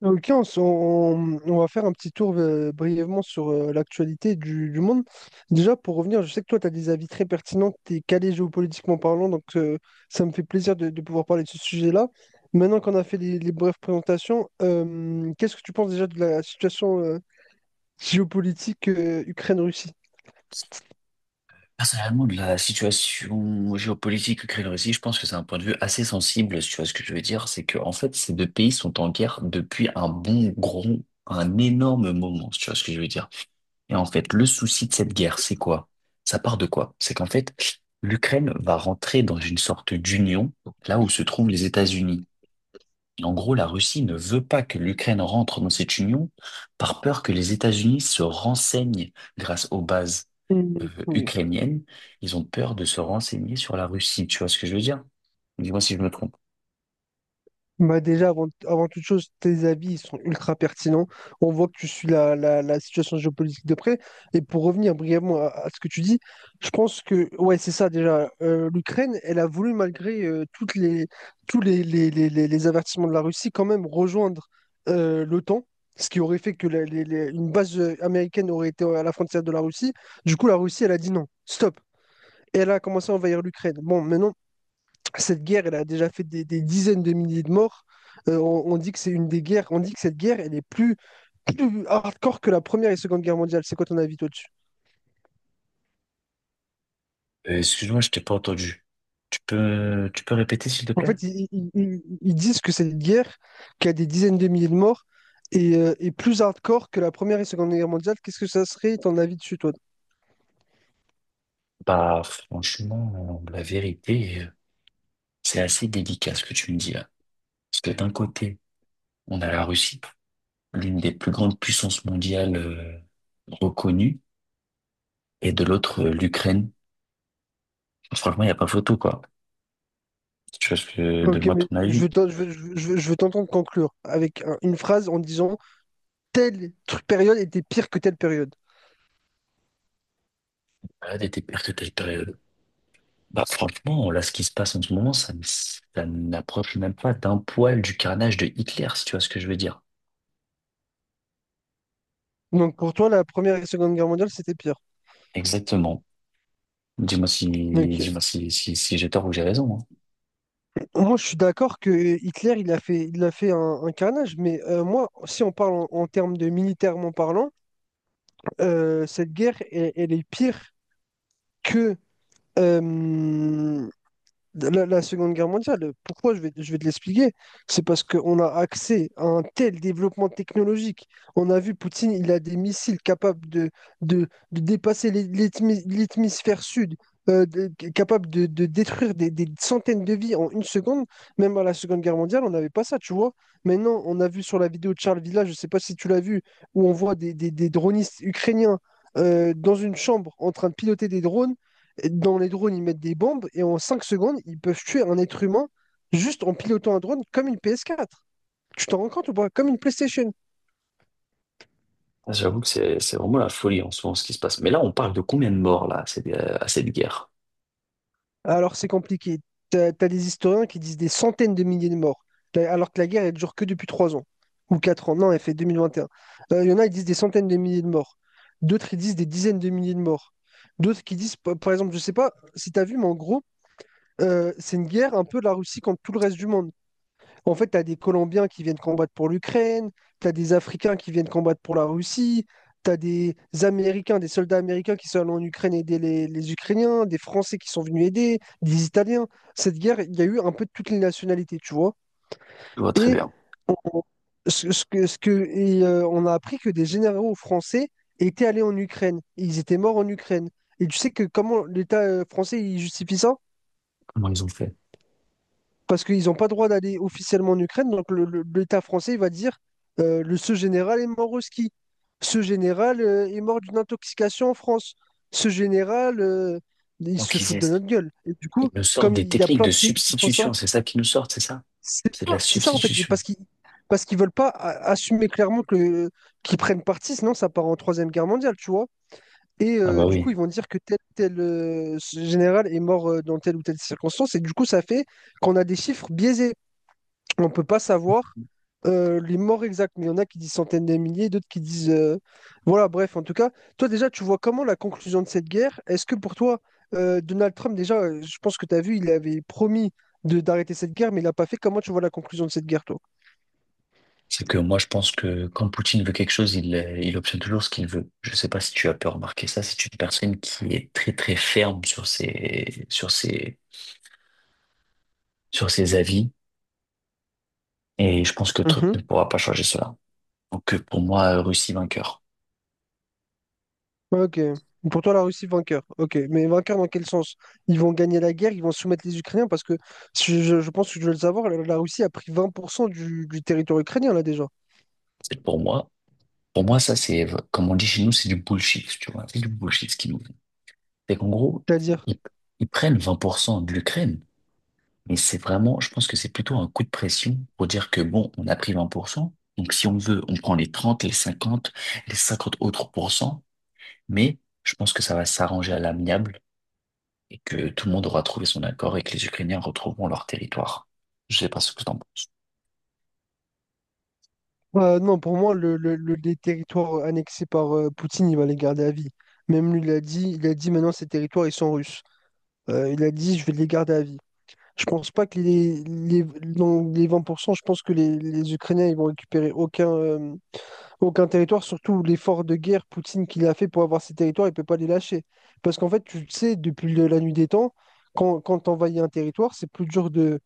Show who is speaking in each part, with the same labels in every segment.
Speaker 1: Ok, on va faire un petit tour brièvement sur l'actualité du monde. Déjà, pour revenir, je sais que toi, tu as des avis très pertinents, tu es calé géopolitiquement parlant, donc ça me fait plaisir de pouvoir parler de ce sujet-là. Maintenant qu'on a fait les brèves présentations, qu'est-ce que tu penses déjà de la situation géopolitique Ukraine-Russie?
Speaker 2: Personnellement, de la situation géopolitique que crée la Russie, je pense que c'est un point de vue assez sensible. Si tu vois ce que je veux dire, c'est que en fait, ces deux pays sont en guerre depuis un bon gros, un énorme moment. Si tu vois ce que je veux dire. Et en fait, le souci de cette guerre, c'est quoi? Ça part de quoi? C'est qu'en fait, l'Ukraine va rentrer dans une sorte d'union là où se trouvent les États-Unis. Et en gros, la Russie ne veut pas que l'Ukraine rentre dans cette union par peur que les États-Unis se renseignent grâce aux bases
Speaker 1: Mhm.
Speaker 2: ukrainienne, ils ont peur de se renseigner sur la Russie. Tu vois ce que je veux dire? Dis-moi si je me trompe.
Speaker 1: Bah déjà, avant toute chose, tes avis ils sont ultra pertinents. On voit que tu suis la situation géopolitique de près. Et pour revenir brièvement à ce que tu dis, je pense que, ouais, c'est ça déjà. L'Ukraine, elle a voulu, malgré tous les avertissements de la Russie, quand même rejoindre l'OTAN, ce qui aurait fait que une base américaine aurait été à la frontière de la Russie. Du coup, la Russie, elle a dit non, stop. Et elle a commencé à envahir l'Ukraine. Bon, maintenant cette guerre, elle a déjà fait des dizaines de milliers de morts. On dit que c'est une des guerres, on dit que cette guerre, elle est plus hardcore que la Première et Seconde Guerre mondiale. C'est quoi ton avis toi-dessus?
Speaker 2: Excuse-moi, je t'ai pas entendu. Tu peux répéter, s'il te
Speaker 1: En
Speaker 2: plaît?
Speaker 1: fait, ils disent que cette guerre, qui a des dizaines de milliers de morts, est plus hardcore que la Première et Seconde Guerre mondiale. Qu'est-ce que ça serait ton avis dessus, toi?
Speaker 2: Bah, franchement, la vérité, c'est assez délicat ce que tu me dis là. Parce que d'un côté, on a la Russie, l'une des plus grandes puissances mondiales reconnues, et de l'autre, l'Ukraine. Franchement, il n'y a pas photo, quoi. Tu vois ce que,
Speaker 1: Ok,
Speaker 2: donne-moi
Speaker 1: mais
Speaker 2: ton
Speaker 1: je veux
Speaker 2: avis.
Speaker 1: t'en- je veux- je veux- je veux- je veux t'entendre conclure avec une phrase en disant telle période était pire que telle période.
Speaker 2: Voilà, des pertes de taille période. Bah franchement, là, ce qui se passe en ce moment, ça, ça n'approche même pas d'un poil du carnage de Hitler, si tu vois ce que je veux dire.
Speaker 1: Donc pour toi, la Première et Seconde Guerre mondiale, c'était pire.
Speaker 2: Exactement. Dis-moi si,
Speaker 1: Ok.
Speaker 2: dis-moi si, si j'ai tort ou j'ai raison, hein.
Speaker 1: Moi, je suis d'accord que Hitler, il a fait un carnage, mais moi, si on parle en termes de militairement parlant, cette guerre, elle est pire que, euh, la Seconde Guerre mondiale, pourquoi je vais te l'expliquer? C'est parce qu'on a accès à un tel développement technologique. On a vu Poutine, il a des missiles capables de dépasser l'hémisphère sud, capables de détruire des centaines de vies en une seconde. Même à la Seconde Guerre mondiale, on n'avait pas ça, tu vois. Maintenant, on a vu sur la vidéo de Charles Villa, je ne sais pas si tu l'as vu, où on voit des dronistes ukrainiens dans une chambre en train de piloter des drones. Dans les drones, ils mettent des bombes et en 5 secondes, ils peuvent tuer un être humain juste en pilotant un drone comme une PS4. Tu t'en rends compte ou pas? Comme une PlayStation.
Speaker 2: Ah, j'avoue que c'est vraiment la folie en ce moment, ce qui se passe. Mais là, on parle de combien de morts, là, à cette guerre?
Speaker 1: Alors c'est compliqué. T'as des historiens qui disent des centaines de milliers de morts. Alors que la guerre, elle dure que depuis 3 ans ou 4 ans. Non, elle fait 2021. Il y en a, ils disent des centaines de milliers de morts. D'autres, ils disent des dizaines de milliers de morts. D'autres qui disent, par exemple, je sais pas si t'as vu, mais en gros, c'est une guerre un peu de la Russie contre tout le reste du monde. En fait, tu as des Colombiens qui viennent combattre pour l'Ukraine, tu as des Africains qui viennent combattre pour la Russie, tu as des Américains, des soldats américains qui sont allés en Ukraine aider les Ukrainiens, des Français qui sont venus aider, des Italiens. Cette guerre, il y a eu un peu de toutes les nationalités, tu vois.
Speaker 2: Je vois très
Speaker 1: Et
Speaker 2: bien
Speaker 1: on, ce, ce que, et, on a appris que des généraux français étaient allés en Ukraine. Et ils étaient morts en Ukraine. Et tu sais que comment l'État français il justifie ça?
Speaker 2: comment ils ont fait.
Speaker 1: Parce qu'ils n'ont pas le droit d'aller officiellement en Ukraine. Donc l'État français il va dire le ce général est mort au ski. Ce général est mort d'une intoxication en France. Ce général, il
Speaker 2: Donc,
Speaker 1: se fout de notre gueule. Et du
Speaker 2: ils
Speaker 1: coup,
Speaker 2: nous sortent
Speaker 1: comme
Speaker 2: des
Speaker 1: il y a
Speaker 2: techniques
Speaker 1: plein
Speaker 2: de
Speaker 1: de pays qui font ça,
Speaker 2: substitution. C'est ça qu'ils nous sortent, c'est ça?
Speaker 1: c'est
Speaker 2: C'est de
Speaker 1: ça,
Speaker 2: la
Speaker 1: c'est ça en fait. Et
Speaker 2: substitution.
Speaker 1: parce qu'ils veulent pas assumer clairement que qu'ils prennent parti, sinon ça part en Troisième Guerre mondiale, tu vois.
Speaker 2: Ah bah
Speaker 1: Du coup, ils
Speaker 2: oui.
Speaker 1: vont dire que tel tel ce général est mort dans telle ou telle circonstance. Et du coup, ça fait qu'on a des chiffres biaisés. On ne peut pas savoir les morts exacts, mais il y en a qui disent centaines de milliers, d'autres qui disent. Voilà, bref, en tout cas, toi déjà, tu vois comment la conclusion de cette guerre? Est-ce que pour toi, Donald Trump, déjà, je pense que tu as vu, il avait promis de d'arrêter cette guerre, mais il l'a pas fait. Comment tu vois la conclusion de cette guerre, toi?
Speaker 2: C'est que moi, je pense que quand Poutine veut quelque chose, il obtient toujours ce qu'il veut. Je sais pas si tu as pu remarquer ça. C'est une personne qui est très, très ferme sur ses avis. Et je pense que Trump
Speaker 1: Mhm.
Speaker 2: ne pourra pas changer cela. Donc, pour moi, Russie vainqueur.
Speaker 1: Ok. Pour toi, la Russie vainqueur. Ok. Mais vainqueur dans quel sens? Ils vont gagner la guerre, ils vont soumettre les Ukrainiens parce que je pense que je veux le savoir, la Russie a pris 20% du territoire ukrainien là déjà.
Speaker 2: C'est pour moi. Pour moi, ça, c'est, comme on dit chez nous, c'est du bullshit, tu vois. C'est du bullshit ce qu'ils nous font. C'est qu'en gros,
Speaker 1: C'est-à-dire.
Speaker 2: ils, ils prennent 20% de l'Ukraine. Mais c'est vraiment, je pense que c'est plutôt un coup de pression pour dire que bon, on a pris 20%. Donc si on veut, on prend les 30 les 50 autres pourcents. Mais je pense que ça va s'arranger à l'amiable et que tout le monde aura trouvé son accord et que les Ukrainiens retrouveront leur territoire. Je sais pas ce que t'en penses.
Speaker 1: Bah, non, pour moi, les territoires annexés par Poutine, il va les garder à vie. Même lui, il a dit maintenant ces territoires, ils sont russes. Il a dit, je vais les garder à vie. Je pense pas que dans les 20%, je pense que les Ukrainiens, ils vont récupérer aucun territoire, surtout l'effort de guerre Poutine qu'il a fait pour avoir ces territoires, il peut pas les lâcher. Parce qu'en fait, tu le sais, depuis la nuit des temps, quand t'envahis un territoire, c'est plus dur de,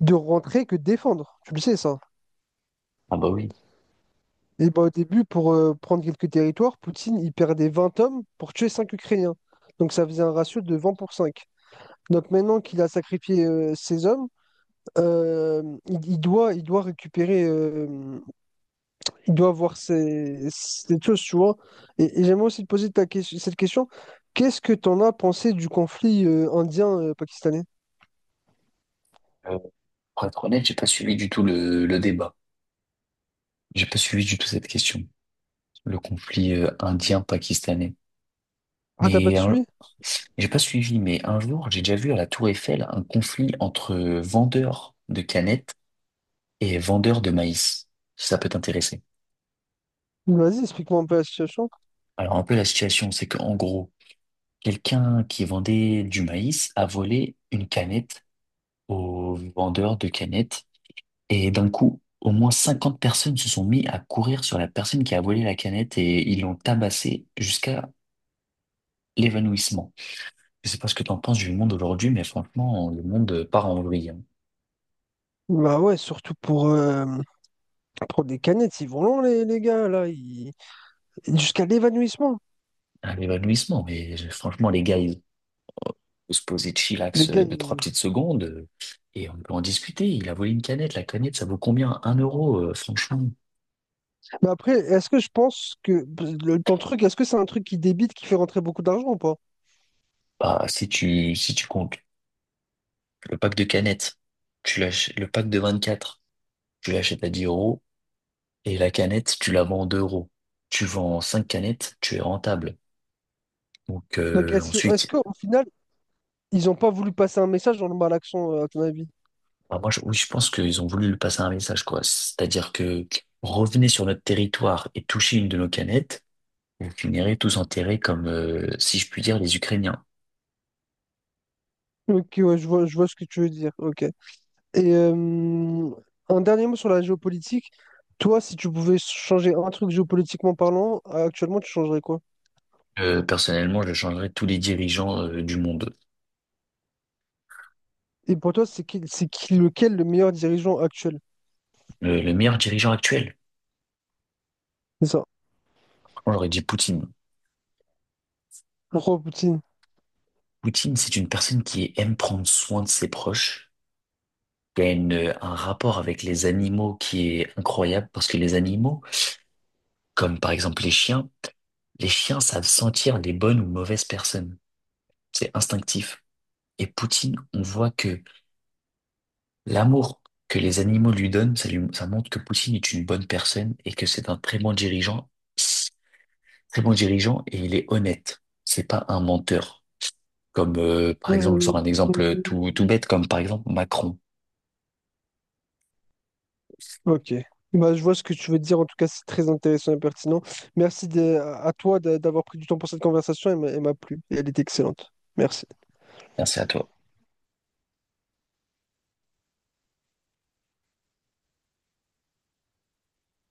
Speaker 1: de rentrer que de défendre. Tu le sais, ça.
Speaker 2: Ah bah oui.
Speaker 1: Et bah, au début, pour prendre quelques territoires, Poutine, il perdait 20 hommes pour tuer 5 Ukrainiens. Donc ça faisait un ratio de 20 pour 5. Donc maintenant qu'il a sacrifié ses hommes, euh, il doit récupérer, il doit avoir ces choses, tu vois. Et j'aimerais aussi te poser cette question. Qu'est-ce que t'en as pensé du conflit indien-pakistanais?
Speaker 2: Euh, pour être honnête, j'ai pas suivi du tout le débat. J'ai pas suivi du tout cette question, le conflit indien-pakistanais.
Speaker 1: Ah, t'as pas
Speaker 2: Mais
Speaker 1: suivi?
Speaker 2: j'ai pas suivi, mais un jour, j'ai déjà vu à la Tour Eiffel un conflit entre vendeurs de canettes et vendeurs de maïs, si ça peut t'intéresser.
Speaker 1: Vas-y, explique-moi un peu la situation.
Speaker 2: Alors, un peu la situation, c'est qu'en gros, quelqu'un qui vendait du maïs a volé une canette au vendeur de canettes, et d'un coup, au moins 50 personnes se sont mis à courir sur la personne qui a volé la canette et ils l'ont tabassé jusqu'à l'évanouissement. Je sais pas ce que t'en penses du monde aujourd'hui, mais franchement, le monde part en vrille, hein.
Speaker 1: Bah ouais, surtout pour des canettes, ils vont long les gars, là, jusqu'à l'évanouissement.
Speaker 2: Un évanouissement. Mais franchement, les gars, ils peuvent se poser de
Speaker 1: Les
Speaker 2: chillax
Speaker 1: gars,
Speaker 2: deux, trois
Speaker 1: ils-
Speaker 2: petites secondes et on peut en discuter. Il a volé une canette. La canette, ça vaut combien? Un euro, franchement.
Speaker 1: Mais après, est-ce que je pense que ton truc, est-ce que c'est un truc qui débite, qui fait rentrer beaucoup d'argent ou pas?
Speaker 2: Bah, si tu comptes le pack de canettes, le pack de 24 tu l'achètes à 10 euros et la canette, tu la vends 2 euros. Tu vends 5 canettes, tu es rentable. Donc,
Speaker 1: Donc est-ce
Speaker 2: ensuite,
Speaker 1: qu'au final, ils n'ont pas voulu passer un message dans le malaxon, à ton avis?
Speaker 2: bah, oui, je pense qu'ils ont voulu lui passer un message, quoi. C'est-à-dire que revenez sur notre territoire et touchez une de nos canettes. Vous finirez tous enterrés comme, si je puis dire, les Ukrainiens.
Speaker 1: Ok, ouais, je vois ce que tu veux dire. Ok. Et euh, un dernier mot sur la géopolitique. Toi, si tu pouvais changer un truc géopolitiquement parlant, actuellement, tu changerais quoi?
Speaker 2: Personnellement, je changerais tous les dirigeants du monde.
Speaker 1: Et pour toi, lequel le meilleur dirigeant actuel?
Speaker 2: Le meilleur dirigeant actuel,
Speaker 1: C'est ça.
Speaker 2: on j'aurais dit Poutine.
Speaker 1: Pourquoi Poutine?
Speaker 2: Poutine, c'est une personne qui aime prendre soin de ses proches, qui a un rapport avec les animaux qui est incroyable, parce que les animaux, comme par exemple les chiens savent sentir les bonnes ou mauvaises personnes. C'est instinctif. Et Poutine, on voit que l'amour que les animaux lui donnent, ça montre que Poutine est une bonne personne et que c'est un très bon dirigeant et il est honnête. C'est pas un menteur. Comme par exemple, je
Speaker 1: Mm.
Speaker 2: sors un exemple tout, tout bête, comme par exemple Macron.
Speaker 1: Ok. Bah, je vois ce que tu veux dire. En tout cas, c'est très intéressant et pertinent. À toi d'avoir pris du temps pour cette conversation. Elle m'a plu et elle est excellente. Merci.
Speaker 2: Merci à toi.